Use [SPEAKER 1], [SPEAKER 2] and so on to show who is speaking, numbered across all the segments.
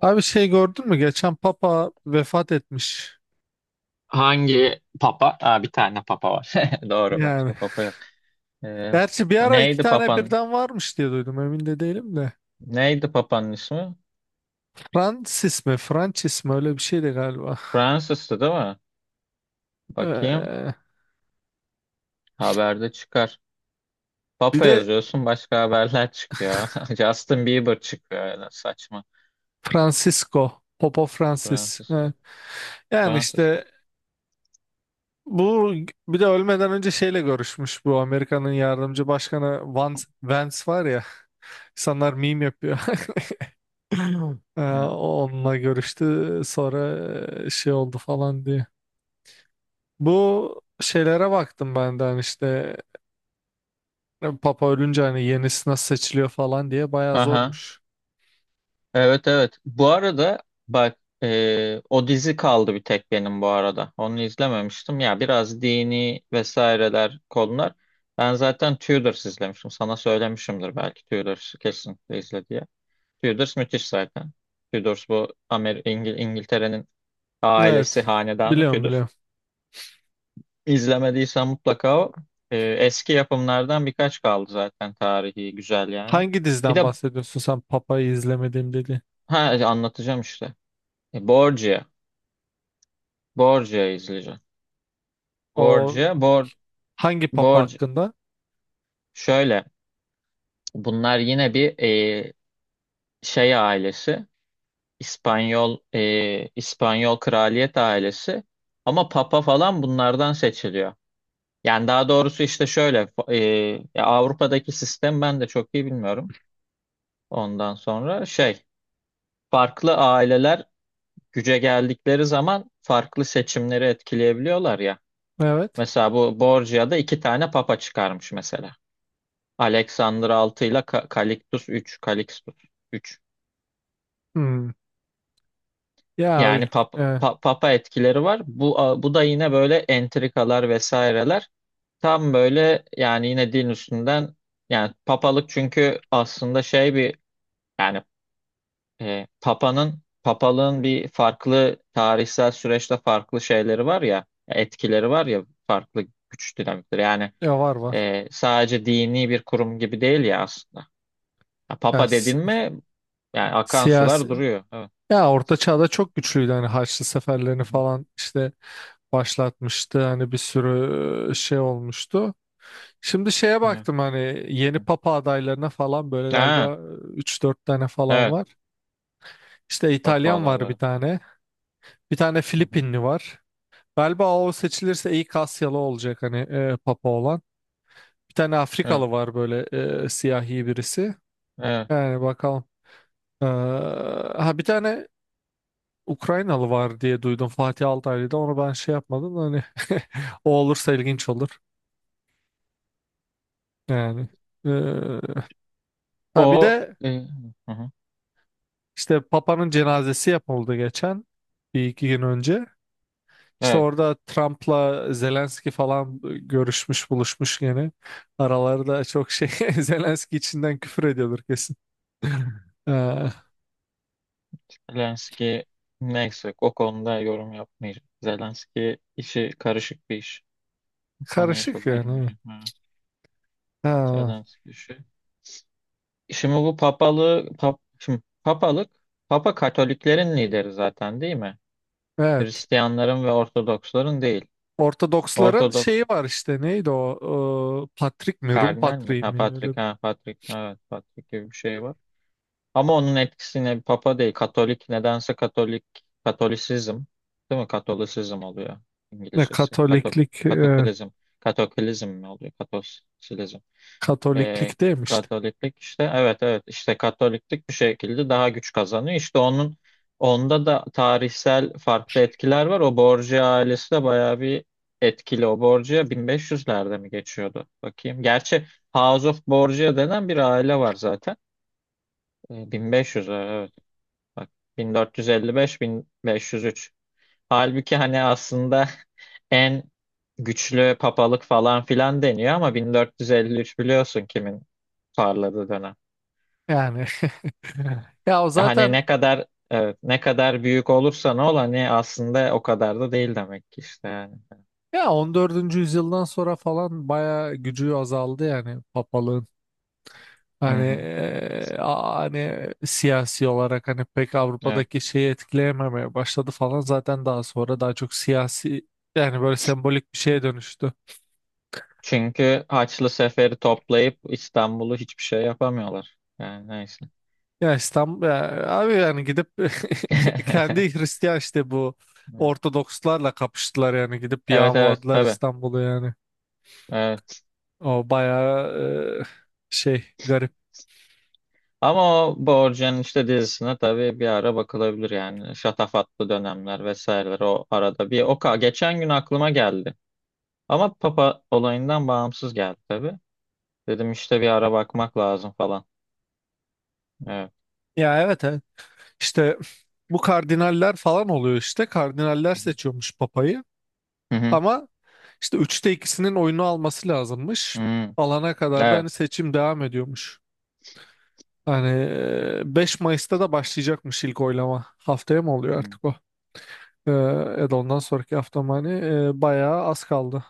[SPEAKER 1] Abi şey gördün mü? Geçen Papa vefat etmiş.
[SPEAKER 2] Hangi papa? Aa, bir tane papa var. Doğru,
[SPEAKER 1] Yani.
[SPEAKER 2] başka papa yok. Ee,
[SPEAKER 1] Gerçi bir ara iki
[SPEAKER 2] neydi
[SPEAKER 1] tane
[SPEAKER 2] papan?
[SPEAKER 1] birden varmış diye duydum. Emin de değilim de.
[SPEAKER 2] Neydi papanın ismi?
[SPEAKER 1] Francis mi? Francis mi? Öyle bir şeydi galiba.
[SPEAKER 2] Francis'tı değil mi? Bakayım.
[SPEAKER 1] Ee,
[SPEAKER 2] Haberde çıkar.
[SPEAKER 1] Bir
[SPEAKER 2] Papa
[SPEAKER 1] de
[SPEAKER 2] yazıyorsun, başka haberler çıkıyor. Justin Bieber çıkıyor öyle saçma.
[SPEAKER 1] Francisco. Papa Francis. Ha.
[SPEAKER 2] Francisco.
[SPEAKER 1] Yani
[SPEAKER 2] Francis mı?
[SPEAKER 1] işte bu bir de ölmeden önce şeyle görüşmüş. Bu Amerika'nın yardımcı başkanı Vance var ya. İnsanlar meme yapıyor.
[SPEAKER 2] Evet.
[SPEAKER 1] Onunla görüştü. Sonra şey oldu falan diye. Bu şeylere baktım benden işte Papa ölünce hani yenisi nasıl seçiliyor falan diye bayağı
[SPEAKER 2] Aha.
[SPEAKER 1] zormuş.
[SPEAKER 2] Evet, evet. Bu arada bak, o dizi kaldı bir tek benim bu arada. Onu izlememiştim. Ya biraz dini vesaireler konular. Ben zaten Tudors izlemiştim. Sana söylemişimdir belki Tudors kesinlikle izle diye. Tudors müthiş zaten. Tudors bu Amer İngil İngiltere'nin ailesi
[SPEAKER 1] Evet.
[SPEAKER 2] hanedanı
[SPEAKER 1] Biliyorum
[SPEAKER 2] Tudors.
[SPEAKER 1] biliyorum.
[SPEAKER 2] İzlemediysen mutlaka o. Eski yapımlardan birkaç kaldı zaten tarihi güzel yani.
[SPEAKER 1] Hangi
[SPEAKER 2] Bir
[SPEAKER 1] diziden
[SPEAKER 2] de
[SPEAKER 1] bahsediyorsun sen Papa'yı izlemediğim dedi.
[SPEAKER 2] ha, anlatacağım işte. Borgia. Borgia izleyeceğim.
[SPEAKER 1] O
[SPEAKER 2] Borcu, bor,
[SPEAKER 1] hangi Papa
[SPEAKER 2] borc
[SPEAKER 1] hakkında?
[SPEAKER 2] şöyle. Bunlar yine bir e, şey ailesi. İspanyol kraliyet ailesi. Ama papa falan bunlardan seçiliyor. Yani daha doğrusu işte şöyle, ya Avrupa'daki sistem ben de çok iyi bilmiyorum. Ondan sonra şey, farklı aileler güce geldikleri zaman farklı seçimleri etkileyebiliyorlar ya.
[SPEAKER 1] Evet.
[SPEAKER 2] Mesela bu Borgia'da iki tane papa çıkarmış mesela. Alexander 6 ile Calixtus 3. Calixtus 3.
[SPEAKER 1] Hmm. Ya
[SPEAKER 2] Yani
[SPEAKER 1] ül-
[SPEAKER 2] pap
[SPEAKER 1] e,
[SPEAKER 2] papa etkileri var. Bu da yine böyle entrikalar vesaireler. Tam böyle yani yine din üstünden, yani papalık çünkü aslında şey bir, yani papanın papalığın bir farklı tarihsel süreçte farklı şeyleri var ya, etkileri var ya, farklı güç dinamikleri. Yani
[SPEAKER 1] ya var var.
[SPEAKER 2] sadece dini bir kurum gibi değil ya aslında. Ya,
[SPEAKER 1] Ya,
[SPEAKER 2] papa
[SPEAKER 1] s-
[SPEAKER 2] dedin mi yani akan sular
[SPEAKER 1] siyasi.
[SPEAKER 2] duruyor. Evet.
[SPEAKER 1] Ya Orta Çağ'da çok güçlüydü hani Haçlı seferlerini
[SPEAKER 2] Hı hı.
[SPEAKER 1] falan işte başlatmıştı hani bir sürü şey olmuştu. Şimdi şeye
[SPEAKER 2] Evet.
[SPEAKER 1] baktım hani
[SPEAKER 2] Hı
[SPEAKER 1] yeni
[SPEAKER 2] hı.
[SPEAKER 1] papa adaylarına falan böyle
[SPEAKER 2] Ha,
[SPEAKER 1] galiba üç dört tane falan
[SPEAKER 2] evet.
[SPEAKER 1] var. İşte İtalyan var bir
[SPEAKER 2] Kahpahalarları.
[SPEAKER 1] tane. Bir tane
[SPEAKER 2] Hı hı.
[SPEAKER 1] Filipinli var. Galiba o seçilirse ilk Asyalı olacak hani papa olan. Bir tane
[SPEAKER 2] Evet.
[SPEAKER 1] Afrikalı var böyle siyahi birisi.
[SPEAKER 2] Evet.
[SPEAKER 1] Yani bakalım. Ha, bir tane Ukraynalı var diye duydum Fatih Altaylı'da. Onu ben şey yapmadım da hani o olursa ilginç olur. Yani. Ee, ha, bir
[SPEAKER 2] O
[SPEAKER 1] de
[SPEAKER 2] e, hı hı.
[SPEAKER 1] işte Papa'nın cenazesi yapıldı geçen bir iki gün önce. İşte
[SPEAKER 2] Evet.
[SPEAKER 1] orada Trump'la Zelenski falan görüşmüş buluşmuş gene. Aralarda çok şey Zelenski içinden küfür ediyordur kesin. Ee,
[SPEAKER 2] Zelenski, neyse o konuda yorum yapmayacağım. Zelenski işi karışık bir iş. Bu konuya
[SPEAKER 1] Karışık
[SPEAKER 2] çok
[SPEAKER 1] yani. Evet.
[SPEAKER 2] girmeyeceğim. Evet.
[SPEAKER 1] Ha,
[SPEAKER 2] Zelenski işi. Şimdi papalık, Papa Katoliklerin lideri zaten değil mi?
[SPEAKER 1] evet.
[SPEAKER 2] Hristiyanların ve Ortodoksların değil.
[SPEAKER 1] Ortodoksların
[SPEAKER 2] Ortodok
[SPEAKER 1] şeyi var işte neydi o Patrik mi Rum
[SPEAKER 2] kardinal mi?
[SPEAKER 1] Patriği
[SPEAKER 2] Ha
[SPEAKER 1] mi öyle
[SPEAKER 2] Patrik, ha Patrik, evet Patrik gibi bir şey var. Ama onun etkisini Papa değil, Katolik, Katolisizm, değil mi? Katolisizm oluyor
[SPEAKER 1] ne
[SPEAKER 2] İngilizcesi.
[SPEAKER 1] Katoliklik
[SPEAKER 2] Katokulizm, Katokulizm mi oluyor? Katosilizm. Ee,
[SPEAKER 1] Katoliklik demişti.
[SPEAKER 2] Katoliklik işte, evet, evet, işte Katoliklik bir şekilde daha güç kazanıyor. İşte onun Onda da tarihsel farklı etkiler var. O Borgia ailesi de bayağı bir etkili. O Borgia 1500'lerde mi geçiyordu? Bakayım. Gerçi House of Borgia denen bir aile var zaten. 1500, evet. Bak, 1455 1503. Halbuki hani aslında en güçlü papalık falan filan deniyor ama 1453 biliyorsun kimin parladığı dönem.
[SPEAKER 1] Yani ya o
[SPEAKER 2] Ya hani
[SPEAKER 1] zaten
[SPEAKER 2] ne kadar, evet, ne kadar büyük olursa ne ol, hani aslında o kadar da değil demek ki işte yani.
[SPEAKER 1] ya 14. yüzyıldan sonra falan bayağı gücü azaldı yani papalığın.
[SPEAKER 2] Hı
[SPEAKER 1] Hani
[SPEAKER 2] hı,
[SPEAKER 1] hani siyasi olarak hani pek
[SPEAKER 2] evet.
[SPEAKER 1] Avrupa'daki şeyi etkileyememeye başladı falan zaten daha sonra daha çok siyasi yani böyle sembolik bir şeye dönüştü.
[SPEAKER 2] Çünkü Haçlı Sefer'i toplayıp İstanbul'u hiçbir şey yapamıyorlar. Yani neyse.
[SPEAKER 1] Ya İstanbul ya abi yani gidip kendi Hristiyan işte bu Ortodokslarla kapıştılar yani gidip
[SPEAKER 2] Evet, evet,
[SPEAKER 1] yağmaladılar
[SPEAKER 2] tabii.
[SPEAKER 1] İstanbul'u yani.
[SPEAKER 2] Evet.
[SPEAKER 1] O bayağı şey garip.
[SPEAKER 2] Ama o Borgen işte dizisine tabii bir ara bakılabilir yani. Şatafatlı dönemler vesaireler o arada bir. Geçen gün aklıma geldi. Ama Papa olayından bağımsız geldi tabii. Dedim işte bir ara bakmak lazım falan. Evet.
[SPEAKER 1] Ya evet evet. İşte bu kardinaller falan oluyor işte. Kardinaller
[SPEAKER 2] Hı hı.
[SPEAKER 1] seçiyormuş papayı. Ama işte 3'te ikisinin oyunu alması
[SPEAKER 2] Hı
[SPEAKER 1] lazımmış.
[SPEAKER 2] hı.
[SPEAKER 1] Alana kadar da
[SPEAKER 2] Evet.
[SPEAKER 1] hani seçim devam ediyormuş. Hani 5 Mayıs'ta da başlayacakmış ilk oylama. Haftaya mı oluyor
[SPEAKER 2] Hı.
[SPEAKER 1] artık o? E, Ya da ondan sonraki hafta mı hani bayağı az kaldı.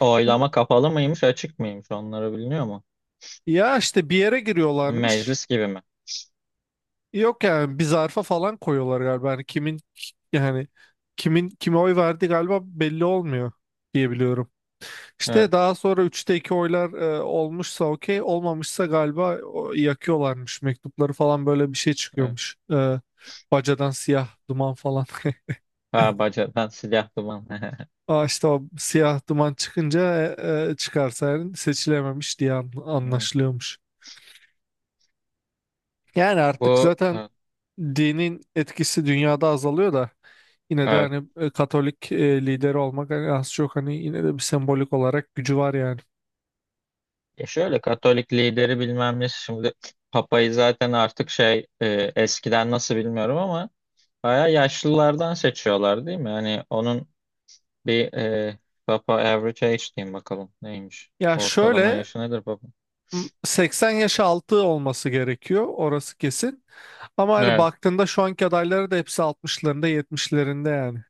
[SPEAKER 2] Oylama kapalı mıymış, açık mıymış? Onları biliniyor mu?
[SPEAKER 1] Ya işte bir yere giriyorlarmış.
[SPEAKER 2] Meclis gibi mi?
[SPEAKER 1] Yok yani bir zarfa falan koyuyorlar galiba. Hani kimin yani kimin kime oy verdi galiba belli olmuyor diye biliyorum. İşte
[SPEAKER 2] Evet.
[SPEAKER 1] daha sonra 3'te 2 oylar olmuşsa okey olmamışsa galiba o, yakıyorlarmış mektupları falan böyle bir şey
[SPEAKER 2] Evet.
[SPEAKER 1] çıkıyormuş. Bacadan siyah duman falan.
[SPEAKER 2] Ha bacadan silahlı mı?
[SPEAKER 1] Aa, işte o siyah duman çıkınca çıkarsa yani seçilememiş diye anlaşılıyormuş. Yani artık
[SPEAKER 2] Bu
[SPEAKER 1] zaten dinin etkisi dünyada azalıyor da yine de
[SPEAKER 2] evet.
[SPEAKER 1] hani Katolik lideri olmak hani az çok hani yine de bir sembolik olarak gücü var yani.
[SPEAKER 2] Ya şöyle Katolik lideri bilmem ne şimdi, Papa'yı zaten artık şey, eskiden nasıl bilmiyorum ama bayağı yaşlılardan seçiyorlar değil mi? Hani onun bir Papa average age diyeyim bakalım neymiş?
[SPEAKER 1] Ya
[SPEAKER 2] Ortalama
[SPEAKER 1] şöyle
[SPEAKER 2] yaşı nedir Papa?
[SPEAKER 1] 80 yaş altı olması gerekiyor orası kesin. Ama hani
[SPEAKER 2] Evet,
[SPEAKER 1] baktığında şu anki adayları da hepsi altmışlarında, yetmişlerinde yani.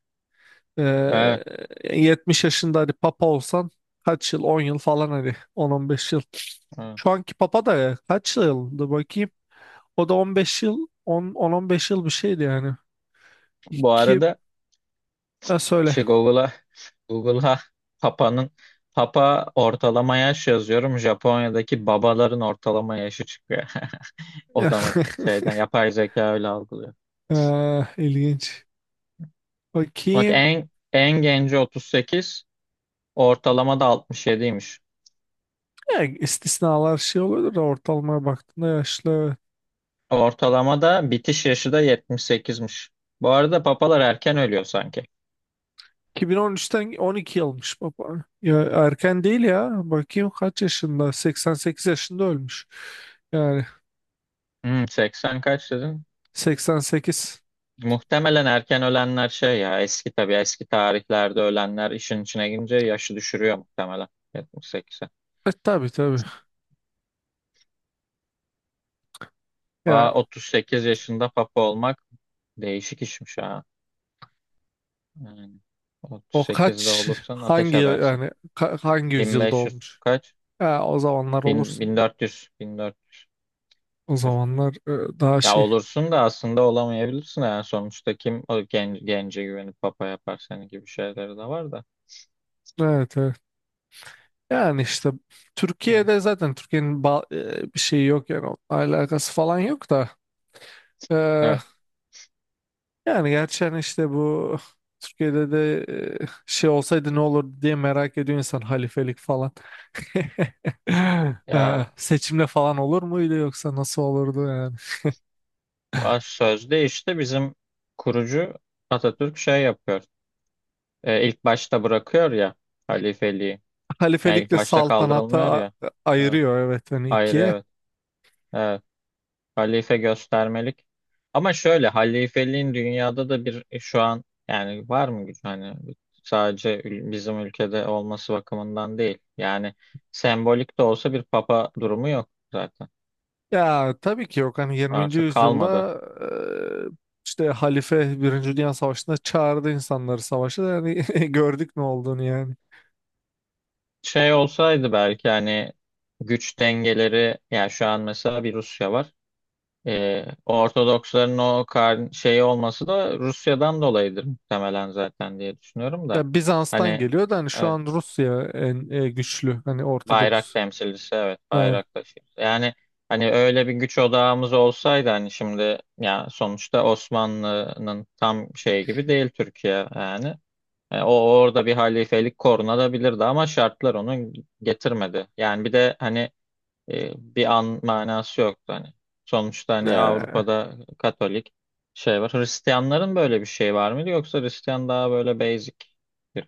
[SPEAKER 2] evet,
[SPEAKER 1] 70 yaşında hani papa olsan kaç yıl 10 yıl falan hani 10-15 yıl.
[SPEAKER 2] evet.
[SPEAKER 1] Şu anki papa da kaç yıldı bakayım. O da 15 yıl, 10-15 yıl bir şeydi yani.
[SPEAKER 2] Bu
[SPEAKER 1] İki,
[SPEAKER 2] arada
[SPEAKER 1] ha, söyle.
[SPEAKER 2] şey, Google'a Google'a Papa'nın, Papa ortalama yaş yazıyorum. Japonya'daki babaların ortalama yaşı çıkıyor. Otomatik şeyden yapay zeka öyle algılıyor.
[SPEAKER 1] İlginç.
[SPEAKER 2] Bak
[SPEAKER 1] Bakayım.
[SPEAKER 2] en en genci 38, ortalama da 67'ymiş.
[SPEAKER 1] Ya, istisnalar şey oluyordur da ortalamaya baktığında yaşlı.
[SPEAKER 2] Ortalama da bitiş yaşı da 78'miş. Bu arada papalar erken ölüyor sanki.
[SPEAKER 1] 2013'ten 12 yılmış baba. Ya erken değil ya. Bakayım kaç yaşında? 88 yaşında ölmüş. Yani
[SPEAKER 2] Hmm, 80 kaç dedin?
[SPEAKER 1] 88.
[SPEAKER 2] Muhtemelen erken ölenler şey ya, eski tabii, eski tarihlerde ölenler işin içine girince yaşı düşürüyor muhtemelen 78'e.
[SPEAKER 1] E tabii tabii.
[SPEAKER 2] Aa,
[SPEAKER 1] Yani
[SPEAKER 2] 38 yaşında papa olmak değişik işmiş ha. Yani
[SPEAKER 1] o
[SPEAKER 2] 38'de
[SPEAKER 1] kaç
[SPEAKER 2] olursan ateş
[SPEAKER 1] hangi
[SPEAKER 2] edersin.
[SPEAKER 1] yani hangi yüzyılda
[SPEAKER 2] 1500
[SPEAKER 1] olmuş?
[SPEAKER 2] kaç?
[SPEAKER 1] Ya, o zamanlar olursun.
[SPEAKER 2] 1400, 1400.
[SPEAKER 1] O zamanlar daha
[SPEAKER 2] Ya
[SPEAKER 1] şey.
[SPEAKER 2] olursun da aslında olamayabilirsin yani sonuçta kim gence güvenip papa yapar seni gibi şeyleri de var da.
[SPEAKER 1] Evet evet. Yani işte
[SPEAKER 2] Evet.
[SPEAKER 1] Türkiye'de zaten Türkiye'nin bir şeyi yok yani onunla alakası falan yok da. E,
[SPEAKER 2] Evet.
[SPEAKER 1] Yani gerçi hani işte bu Türkiye'de de şey olsaydı ne olur diye merak ediyor insan halifelik falan.
[SPEAKER 2] Ya
[SPEAKER 1] Seçimle falan olur muydu yoksa nasıl olurdu yani?
[SPEAKER 2] baş sözde işte bizim kurucu Atatürk şey yapıyor. E, ilk başta bırakıyor ya halifeliği. Yani ilk
[SPEAKER 1] Halifelikle
[SPEAKER 2] başta
[SPEAKER 1] saltanata
[SPEAKER 2] kaldırılmıyor ya. Evet.
[SPEAKER 1] ayırıyor evet hani
[SPEAKER 2] Ayrı,
[SPEAKER 1] ikiye.
[SPEAKER 2] evet. Evet. Halife göstermelik. Ama şöyle halifeliğin dünyada da bir şu an yani var mı güç, hani bizim ülkede olması bakımından değil. Yani sembolik de olsa bir papa durumu yok zaten.
[SPEAKER 1] Ya tabii ki yok. Hani 20.
[SPEAKER 2] Artık kalmadı.
[SPEAKER 1] yüzyılda işte halife Birinci Dünya Savaşı'nda çağırdı insanları savaşa da yani gördük ne olduğunu yani.
[SPEAKER 2] Şey olsaydı belki hani güç dengeleri, yani şu an mesela bir Rusya var. Ortodoksların o kar şeyi olması da Rusya'dan dolayıdır muhtemelen zaten diye düşünüyorum da.
[SPEAKER 1] Ya Bizans'tan
[SPEAKER 2] Hani,
[SPEAKER 1] geliyor da hani şu an
[SPEAKER 2] evet.
[SPEAKER 1] Rusya en güçlü hani
[SPEAKER 2] Bayrak
[SPEAKER 1] Ortodoks.
[SPEAKER 2] temsilcisi, evet,
[SPEAKER 1] E,
[SPEAKER 2] bayrak taşıyor. Yani hani öyle bir güç odağımız olsaydı hani şimdi, ya sonuçta Osmanlı'nın tam şey gibi değil Türkiye yani. E, o orada bir halifelik korunabilirdi ama şartlar onu getirmedi. Yani bir de hani bir an manası yoktu hani. Sonuçta hani
[SPEAKER 1] e,
[SPEAKER 2] Avrupa'da Katolik şey var. Hristiyanların böyle bir şey var mıydı yoksa Hristiyan daha böyle basic bir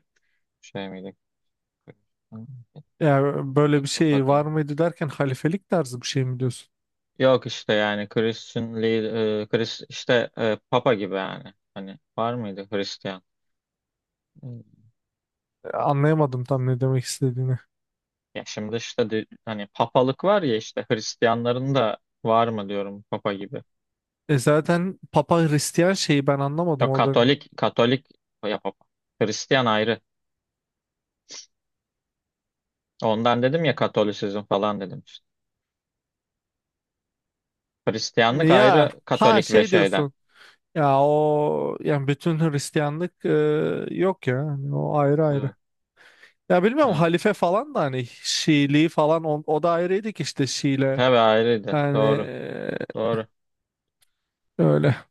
[SPEAKER 2] şey miydi?
[SPEAKER 1] Ya böyle
[SPEAKER 2] Ay
[SPEAKER 1] bir
[SPEAKER 2] kafa
[SPEAKER 1] şey var
[SPEAKER 2] diyeyim.
[SPEAKER 1] mıydı derken halifelik tarzı bir şey mi diyorsun?
[SPEAKER 2] Yok işte, yani Christian Lee, Chris, işte Papa gibi yani. Hani var mıydı Hristiyan? Hmm.
[SPEAKER 1] Anlayamadım tam ne demek istediğini.
[SPEAKER 2] Ya şimdi işte hani papalık var ya, işte Hristiyanların da var mı diyorum Papa gibi.
[SPEAKER 1] Zaten Papa Hristiyan şeyi ben anlamadım
[SPEAKER 2] Yok,
[SPEAKER 1] orada.
[SPEAKER 2] Katolik, Katolik ya Papa. Hristiyan ayrı. Ondan dedim ya Katolisizm falan dedim işte. Hristiyanlık
[SPEAKER 1] Ya
[SPEAKER 2] ayrı
[SPEAKER 1] ha
[SPEAKER 2] Katolik ve
[SPEAKER 1] şey
[SPEAKER 2] şeyden.
[SPEAKER 1] diyorsun. Ya o yani bütün Hristiyanlık yok ya. Hani o ayrı ayrı.
[SPEAKER 2] Evet,
[SPEAKER 1] Ya bilmiyorum
[SPEAKER 2] evet.
[SPEAKER 1] halife falan da hani Şiiliği falan o da ayrıydı ki işte Şiile.
[SPEAKER 2] Tabii ayrıydı.
[SPEAKER 1] Yani
[SPEAKER 2] Doğru. Doğru.
[SPEAKER 1] öyle.